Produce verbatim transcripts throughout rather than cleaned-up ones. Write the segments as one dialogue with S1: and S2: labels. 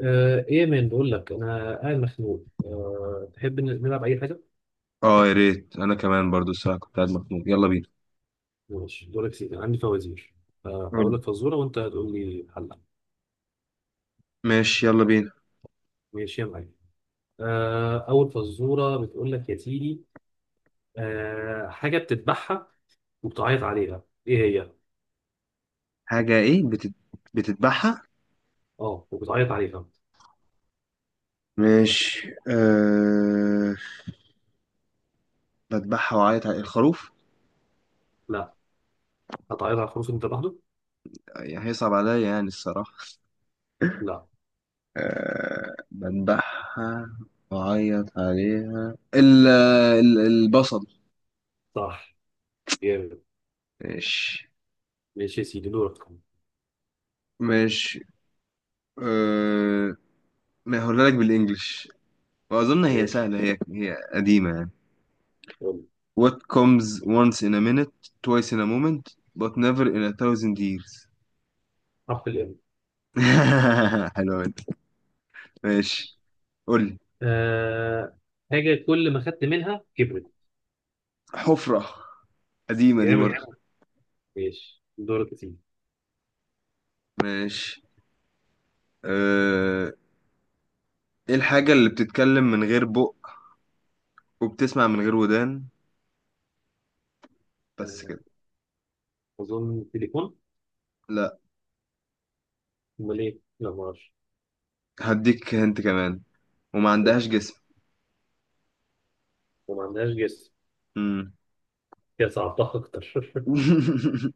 S1: آه، ايه يا مان بقول لك انا قاعد مخنوق. أه تحب ن- نلعب اي حاجه؟
S2: اه، يا ريت انا كمان برضو الساعة كنت قاعد مخنوق، يلا بينا.
S1: ماشي دورك سيدي، أنا عندي فوازير. آه، اقول
S2: قول.
S1: لك فزوره وانت هتقول لي حلها.
S2: ماشي، يلا بينا.
S1: ماشي يا معلم. أه اول فزوره بتقول لك يا سيدي، أه حاجه بتذبحها وبتعيط عليها، ايه هي؟
S2: حاجة ايه بتت... بتذبحها؟
S1: اه وبتعيط عليها.
S2: ماشي. أه... بذبحها وعيط على الخروف.
S1: لا، هتعيط على الخروف اللي انت لوحده؟
S2: يعني هيصعب عليا يعني الصراحة.
S1: لا.
S2: أه... بذبحها وعيط عليها ال... ال... البصل.
S1: صح، جامد.
S2: ماشي.
S1: ماشي يا سيدي دورك.
S2: ماشي. أه... ما هقولها لك بالانجلش. واظن هي
S1: ماشي،
S2: سهلة، هي هي قديمة يعني.
S1: يلا.
S2: What comes once in a minute, twice in a moment, but never in a thousand years.
S1: حرف الام.
S2: حلوة دي. ماشي، قول لي.
S1: أه حاجه كل ما خدت منها كبرت.
S2: حفرة. قديمة دي برضه،
S1: جامد.
S2: جامد.
S1: ماشي دورك يا سيدي.
S2: ماشي. أه... ايه الحاجة اللي بتتكلم من غير بق وبتسمع من غير ودان بس
S1: آه،
S2: كده؟
S1: أظن تليفون.
S2: لا،
S1: أمال إيه؟ لا معرفش.
S2: هديك هنت كمان. وما
S1: يلا،
S2: عندهاش جسم.
S1: وما عندهاش جس.
S2: مم.
S1: هي صعبتها أكتر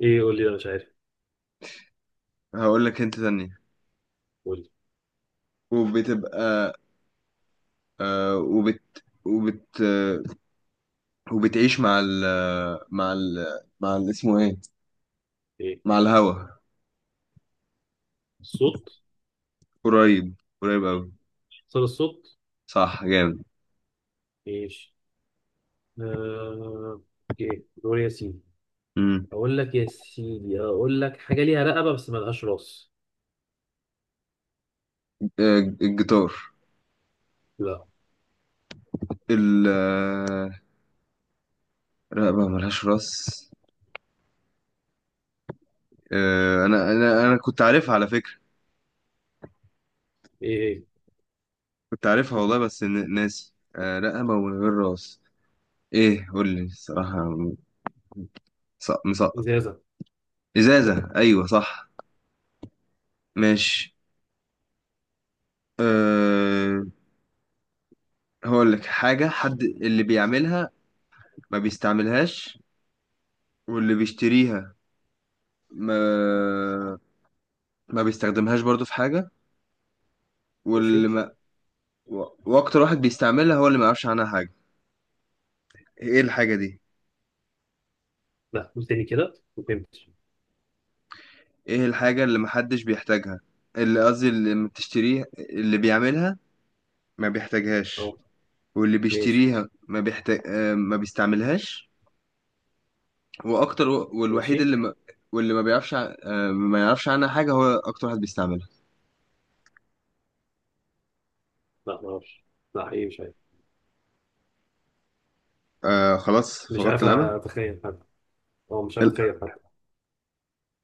S1: إيه؟ قول لي أنا مش عارف.
S2: هقول لك هنت تانية.
S1: قول لي
S2: وبتبقى أه... وبت وبت آه، وبتعيش مع ال مع ال مع ال اسمه ايه
S1: إيه؟
S2: مع الهوا.
S1: صوت.
S2: قريب، قريب أوي.
S1: صار الصوت.
S2: صح، جامد.
S1: ماشي. آه... إيه دور ياسين.
S2: مم.
S1: أقول لك يا سيدي، أقول لك حاجة ليها رقبة بس ملهاش راس.
S2: آه، الجيتار.
S1: لا.
S2: ال آه، رقبة ملهاش راس. آه، أنا أنا أنا كنت عارفها على فكرة.
S1: إيه إيه؟
S2: كنت عارفها والله، بس ن- ناسي. آه، رقبة من غير راس. إيه؟ قول لي الصراحة. مسقط، مسقط.
S1: إزازة.
S2: إزازة، أيوة صح. ماشي. أه هقول لك حاجة. حد اللي بيعملها ما بيستعملهاش، واللي بيشتريها ما ما بيستخدمهاش برضو في حاجة.
S1: ماشي.
S2: واللي و- واكتر واحد بيستعملها هو اللي ما يعرفش عنها حاجه. ايه الحاجه دي؟
S1: لا، قول تاني كده ما فهمتش.
S2: ايه الحاجه اللي محدش بيحتاجها، اللي قصدي اللي ما بتشتريها، اللي بيعملها ما بيحتاجهاش.
S1: أه.
S2: واللي
S1: ماشي.
S2: بيشتريها ما بيحتاج آه، ما بيستعملهاش. واكتر و- والوحيد
S1: ماشي.
S2: اللي ما، واللي ما بيعرفش ع- آه، ما يعرفش عنها حاجه هو اكتر واحد بيستعملها.
S1: لا معرفش. لا إيه، مش عارف.
S2: آه، خلاص
S1: مش
S2: فقدت
S1: عارف
S2: الامل.
S1: أتخيل حتى. أه، مش عارف
S2: ال-
S1: أتخيل حتى.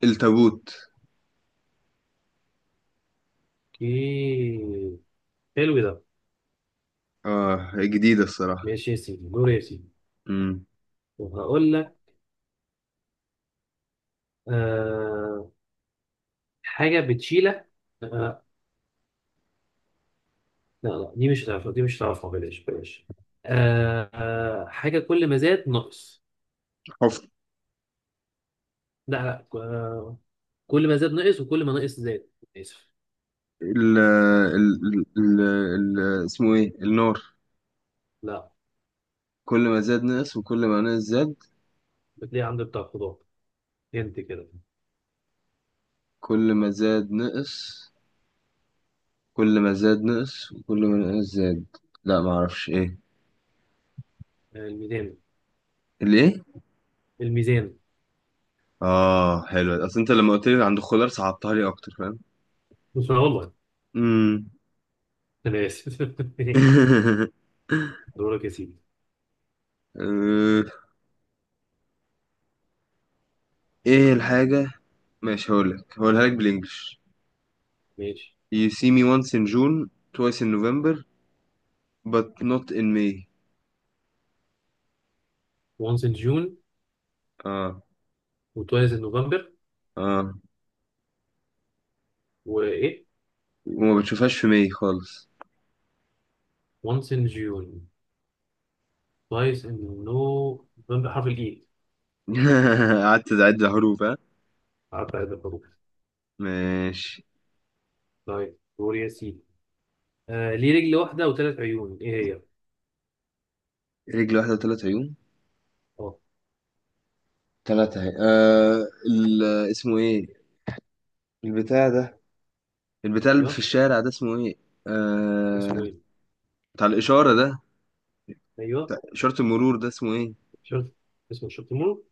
S2: التابوت.
S1: اوكي، حلو ده.
S2: اه، جديده الصراحه.
S1: ماشي يا سيدي دور يا سيدي.
S2: امم.
S1: وهقول لك، آه، حاجة بتشيلها. آه لا لا، دي مش هتعرفها، دي مش هتعرفها، بلاش بلاش. آه آه حاجة كل ما زاد نقص.
S2: حفر.
S1: لا لا آه، كل ما زاد نقص وكل ما نقص زاد. آسف.
S2: ال ال ال ال- اسمه ايه النار.
S1: لا.
S2: كل ما زاد نقص وكل ما نقص زاد.
S1: بتلاقي عند بتاع الخضار، انت كده.
S2: كل ما زاد نقص. كل ما زاد نقص وكل ما نقص زاد. لا، ما اعرفش ايه.
S1: آه الميزان.
S2: اللي ايه؟
S1: الميزان.
S2: اه حلو. اصل انت لما قلت لي عند الخضار، صعبتها لي اكتر، فاهم.
S1: بس أنا والله،
S2: امم.
S1: أنا آسف ماشي دورك يا سيدي.
S2: آه، ايه الحاجة. ماشي، هقولك هقولها لك بالانجلش.
S1: ماشي.
S2: You see me once in June twice in November but not in May.
S1: once in June،
S2: اه.
S1: و twice in November.
S2: اه.
S1: وإيه؟
S2: وما بتشوفهاش في ماي خالص.
S1: once in June. كويس انه بيبان بحرف الاي.
S2: قعدت تعد حروف، ها.
S1: قعدت اعد الحروف.
S2: ماشي.
S1: طيب دور يا سيدي. آه ليه رجل واحده وثلاث عيون؟ ايه هي؟
S2: رجل واحدة وثلاث عيون.
S1: اه.
S2: ثلاثة اهي. آه ال- اسمه ايه البتاع ده. البتاع اللي في
S1: ايوه.
S2: الشارع ده اسمه ايه؟
S1: اسمه
S2: آه...
S1: ايه؟
S2: بتاع الإشارة ده.
S1: ايوه.
S2: بتاع إشارة المرور ده اسمه ايه؟
S1: شرط. اسمه شرط المرور.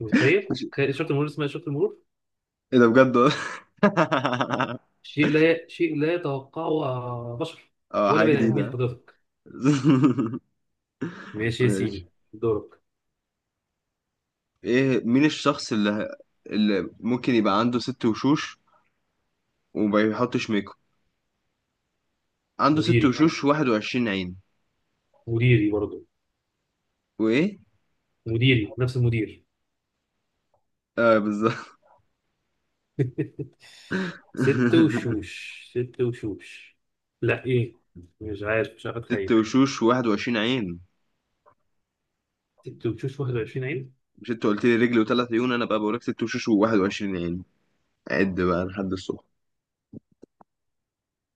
S1: متخيل؟
S2: مش-
S1: تخيل شرط المرور، اسمها شرط المرور.
S2: ايه ده بجد؟
S1: شيء لا شيء لا يتوقعه آه، بشر
S2: اه،
S1: ولا
S2: حاجة
S1: بني ادمين
S2: جديدة.
S1: حضرتك. ماشي يا
S2: ماشي.
S1: سيدي دورك.
S2: ايه مين الشخص اللي اللي ممكن يبقى عنده ست وشوش وما بيحطش ميك اب؟ عنده ست
S1: مديري.
S2: وشوش واحد وعشرين عين.
S1: مديري برضه.
S2: وايه؟
S1: مديري، نفس المدير.
S2: اه، بالظبط.
S1: ست وشوش. ست وشوش. لا ايه، مش عارف، مش عارف
S2: ست
S1: اتخيل.
S2: وشوش واحد وعشرين عين.
S1: ست وشوش واحد وعشرين عين.
S2: مش انت قلت لي رجل وثلاث عيون؟ انا بقى بوريك ست وشوش و21 عين. عد بقى لحد الصبح.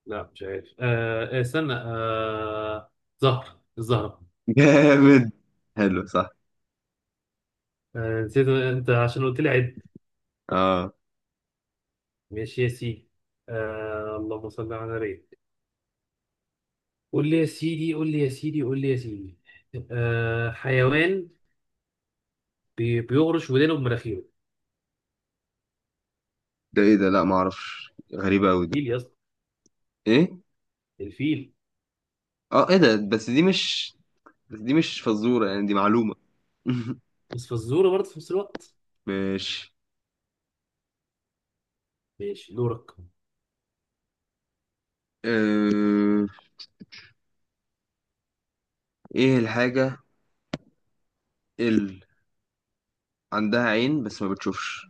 S1: لا مش عارف. آه آه، استنى آه، زهر الزهرة.
S2: جامد، حلو، صح.
S1: آه نسيت، انت عشان قلت لي عد.
S2: اه.
S1: ماشي يا سيدي. آه اللهم صل على النبي. قول لي يا سيدي، قول لي يا سيدي، قول لي يا سيدي. آه حيوان، بي بيغرش ودانه بمناخيره.
S2: ده ايه ده؟ لا، ما اعرفش. غريبه قوي دي.
S1: الفيل يا اسطى.
S2: ايه؟
S1: الفيل.
S2: اه. ايه ده؟ بس دي مش بس دي مش فزوره يعني، دي معلومه.
S1: بس فزوره برضه في نفس الوقت.
S2: ماشي.
S1: ماشي دورك.
S2: آه... ايه الحاجه اللي عندها عين بس ما بتشوفش؟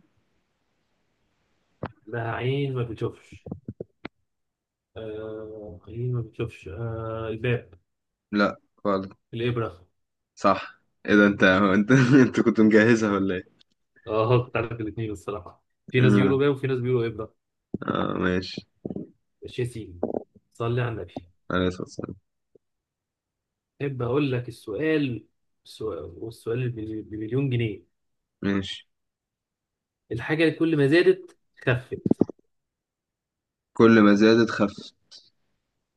S1: ده عين ما بتشوفش؟ آه عين ما بتشوفش، آه الباب.
S2: لا، خالص.
S1: الإبرة.
S2: صح. ايه ده؟ انت، هو انت انت كنت مجهزها ولا ايه؟
S1: اه كنت عارف الاثنين الصراحة. في ناس بيقولوا
S2: مم.
S1: باب وفي ناس بيقولوا إبرة.
S2: اه، ماشي.
S1: ماشي يا سيدي. صلي على النبي.
S2: عليه الصلاه والسلام.
S1: احب اقول لك السؤال، السؤال والسؤال بملي- بمليون جنيه.
S2: ماشي.
S1: الحاجه اللي كل ما زادت خفت.
S2: كل ما زادت خفت.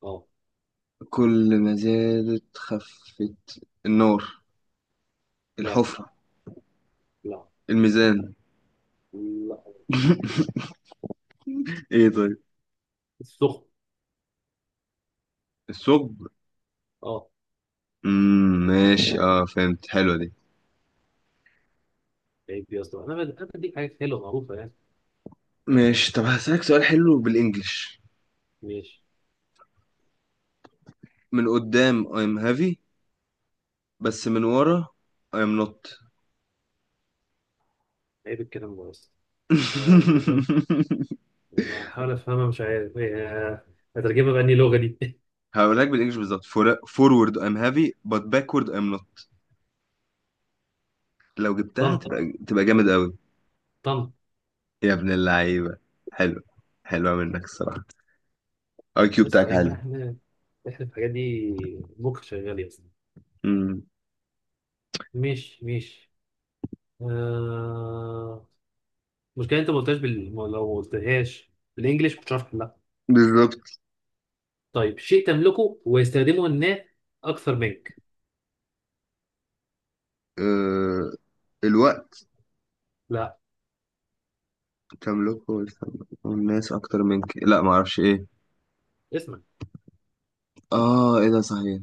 S1: اه.
S2: كل ما زادت خفت، النار؟
S1: لا.
S2: الحفرة؟
S1: لا.
S2: الميزان؟
S1: لا.
S2: ايه طيب؟
S1: السخن.
S2: الثقب؟
S1: اه.
S2: مم، ماشي. اه فهمت، حلوة دي.
S1: عيب يا اسطى، انا بد- انا بديك حاجات حلوه معروفه يعني.
S2: ماشي. طب هسألك سؤال حلو بالانجلش.
S1: ماشي.
S2: من قدام I'm heavy، بس من ورا I'm not.
S1: عيب الكلام ده بس. بحاول افهمها مش عارف هي- هترجمها بأني لغه دي
S2: هقول لك بالانجلش بالظبط. For- forward I'm heavy but backward I'm not. لو جبتها،
S1: طن.
S2: تبقى تبقى جامد قوي.
S1: طن.
S2: يا ابن اللعيبة، حلو. حلوة منك الصراحة، اي كيو
S1: يا اسطى
S2: بتاعك
S1: عيب بقى،
S2: عالي.
S1: احنا احنا في الحاجات دي مخ شغال يا اسطى.
S2: مم.
S1: مش مش آه... المشكلة انت ما قلتهاش بال... ما- لو ما قلتهاش بالانجلش مش هتعرف تحلها.
S2: بالظبط.
S1: طيب شيء تملكه ويستخدمه الناس اكثر منك.
S2: آه، الوقت.
S1: لا.
S2: تملكه ويستملكه الناس أكتر منك. لا، معرفش إيه.
S1: اسمك.
S2: آه، إيه ده؟ صحيح.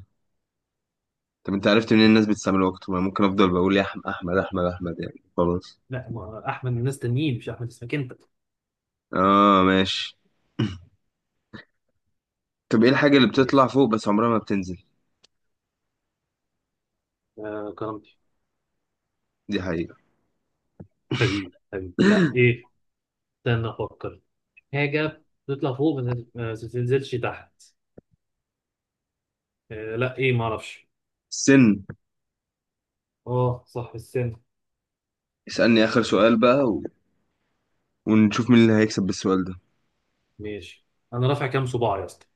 S2: طب أنت عرفت منين؟ الناس بتستعمل وقته؟ ما ممكن أفضل بقول يا أحمد، أحمد، أحمد، أحمد يعني خلاص.
S1: لا، ما احمد من ناس تانيين، مش احمد، اسمك انت.
S2: آه، ماشي. طب إيه الحاجة اللي بتطلع
S1: ماشي.
S2: فوق بس عمرها ما بتنزل؟
S1: آه كرامتي.
S2: دي حقيقة.
S1: حبيبي حبيبي لا ايه. استنى افكر. حاجة تطلع فوق ما تت- ما تنزلش تحت. آه لا ايه ما اعرفش.
S2: السن.
S1: اه صح السن.
S2: اسألني آخر سؤال بقى، و... ونشوف مين اللي هيكسب بالسؤال ده.
S1: ماشي. انا رافع كام صباع يا اسطى؟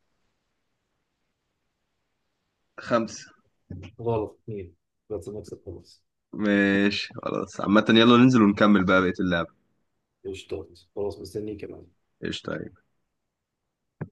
S2: خمسة.
S1: غلط، اتنين. بس نكسب خلاص.
S2: ماشي خلاص، عامة يلا ننزل ونكمل بقى بقية اللعبة.
S1: قشطات. خلاص مستنيك يا معلم.
S2: قشطة.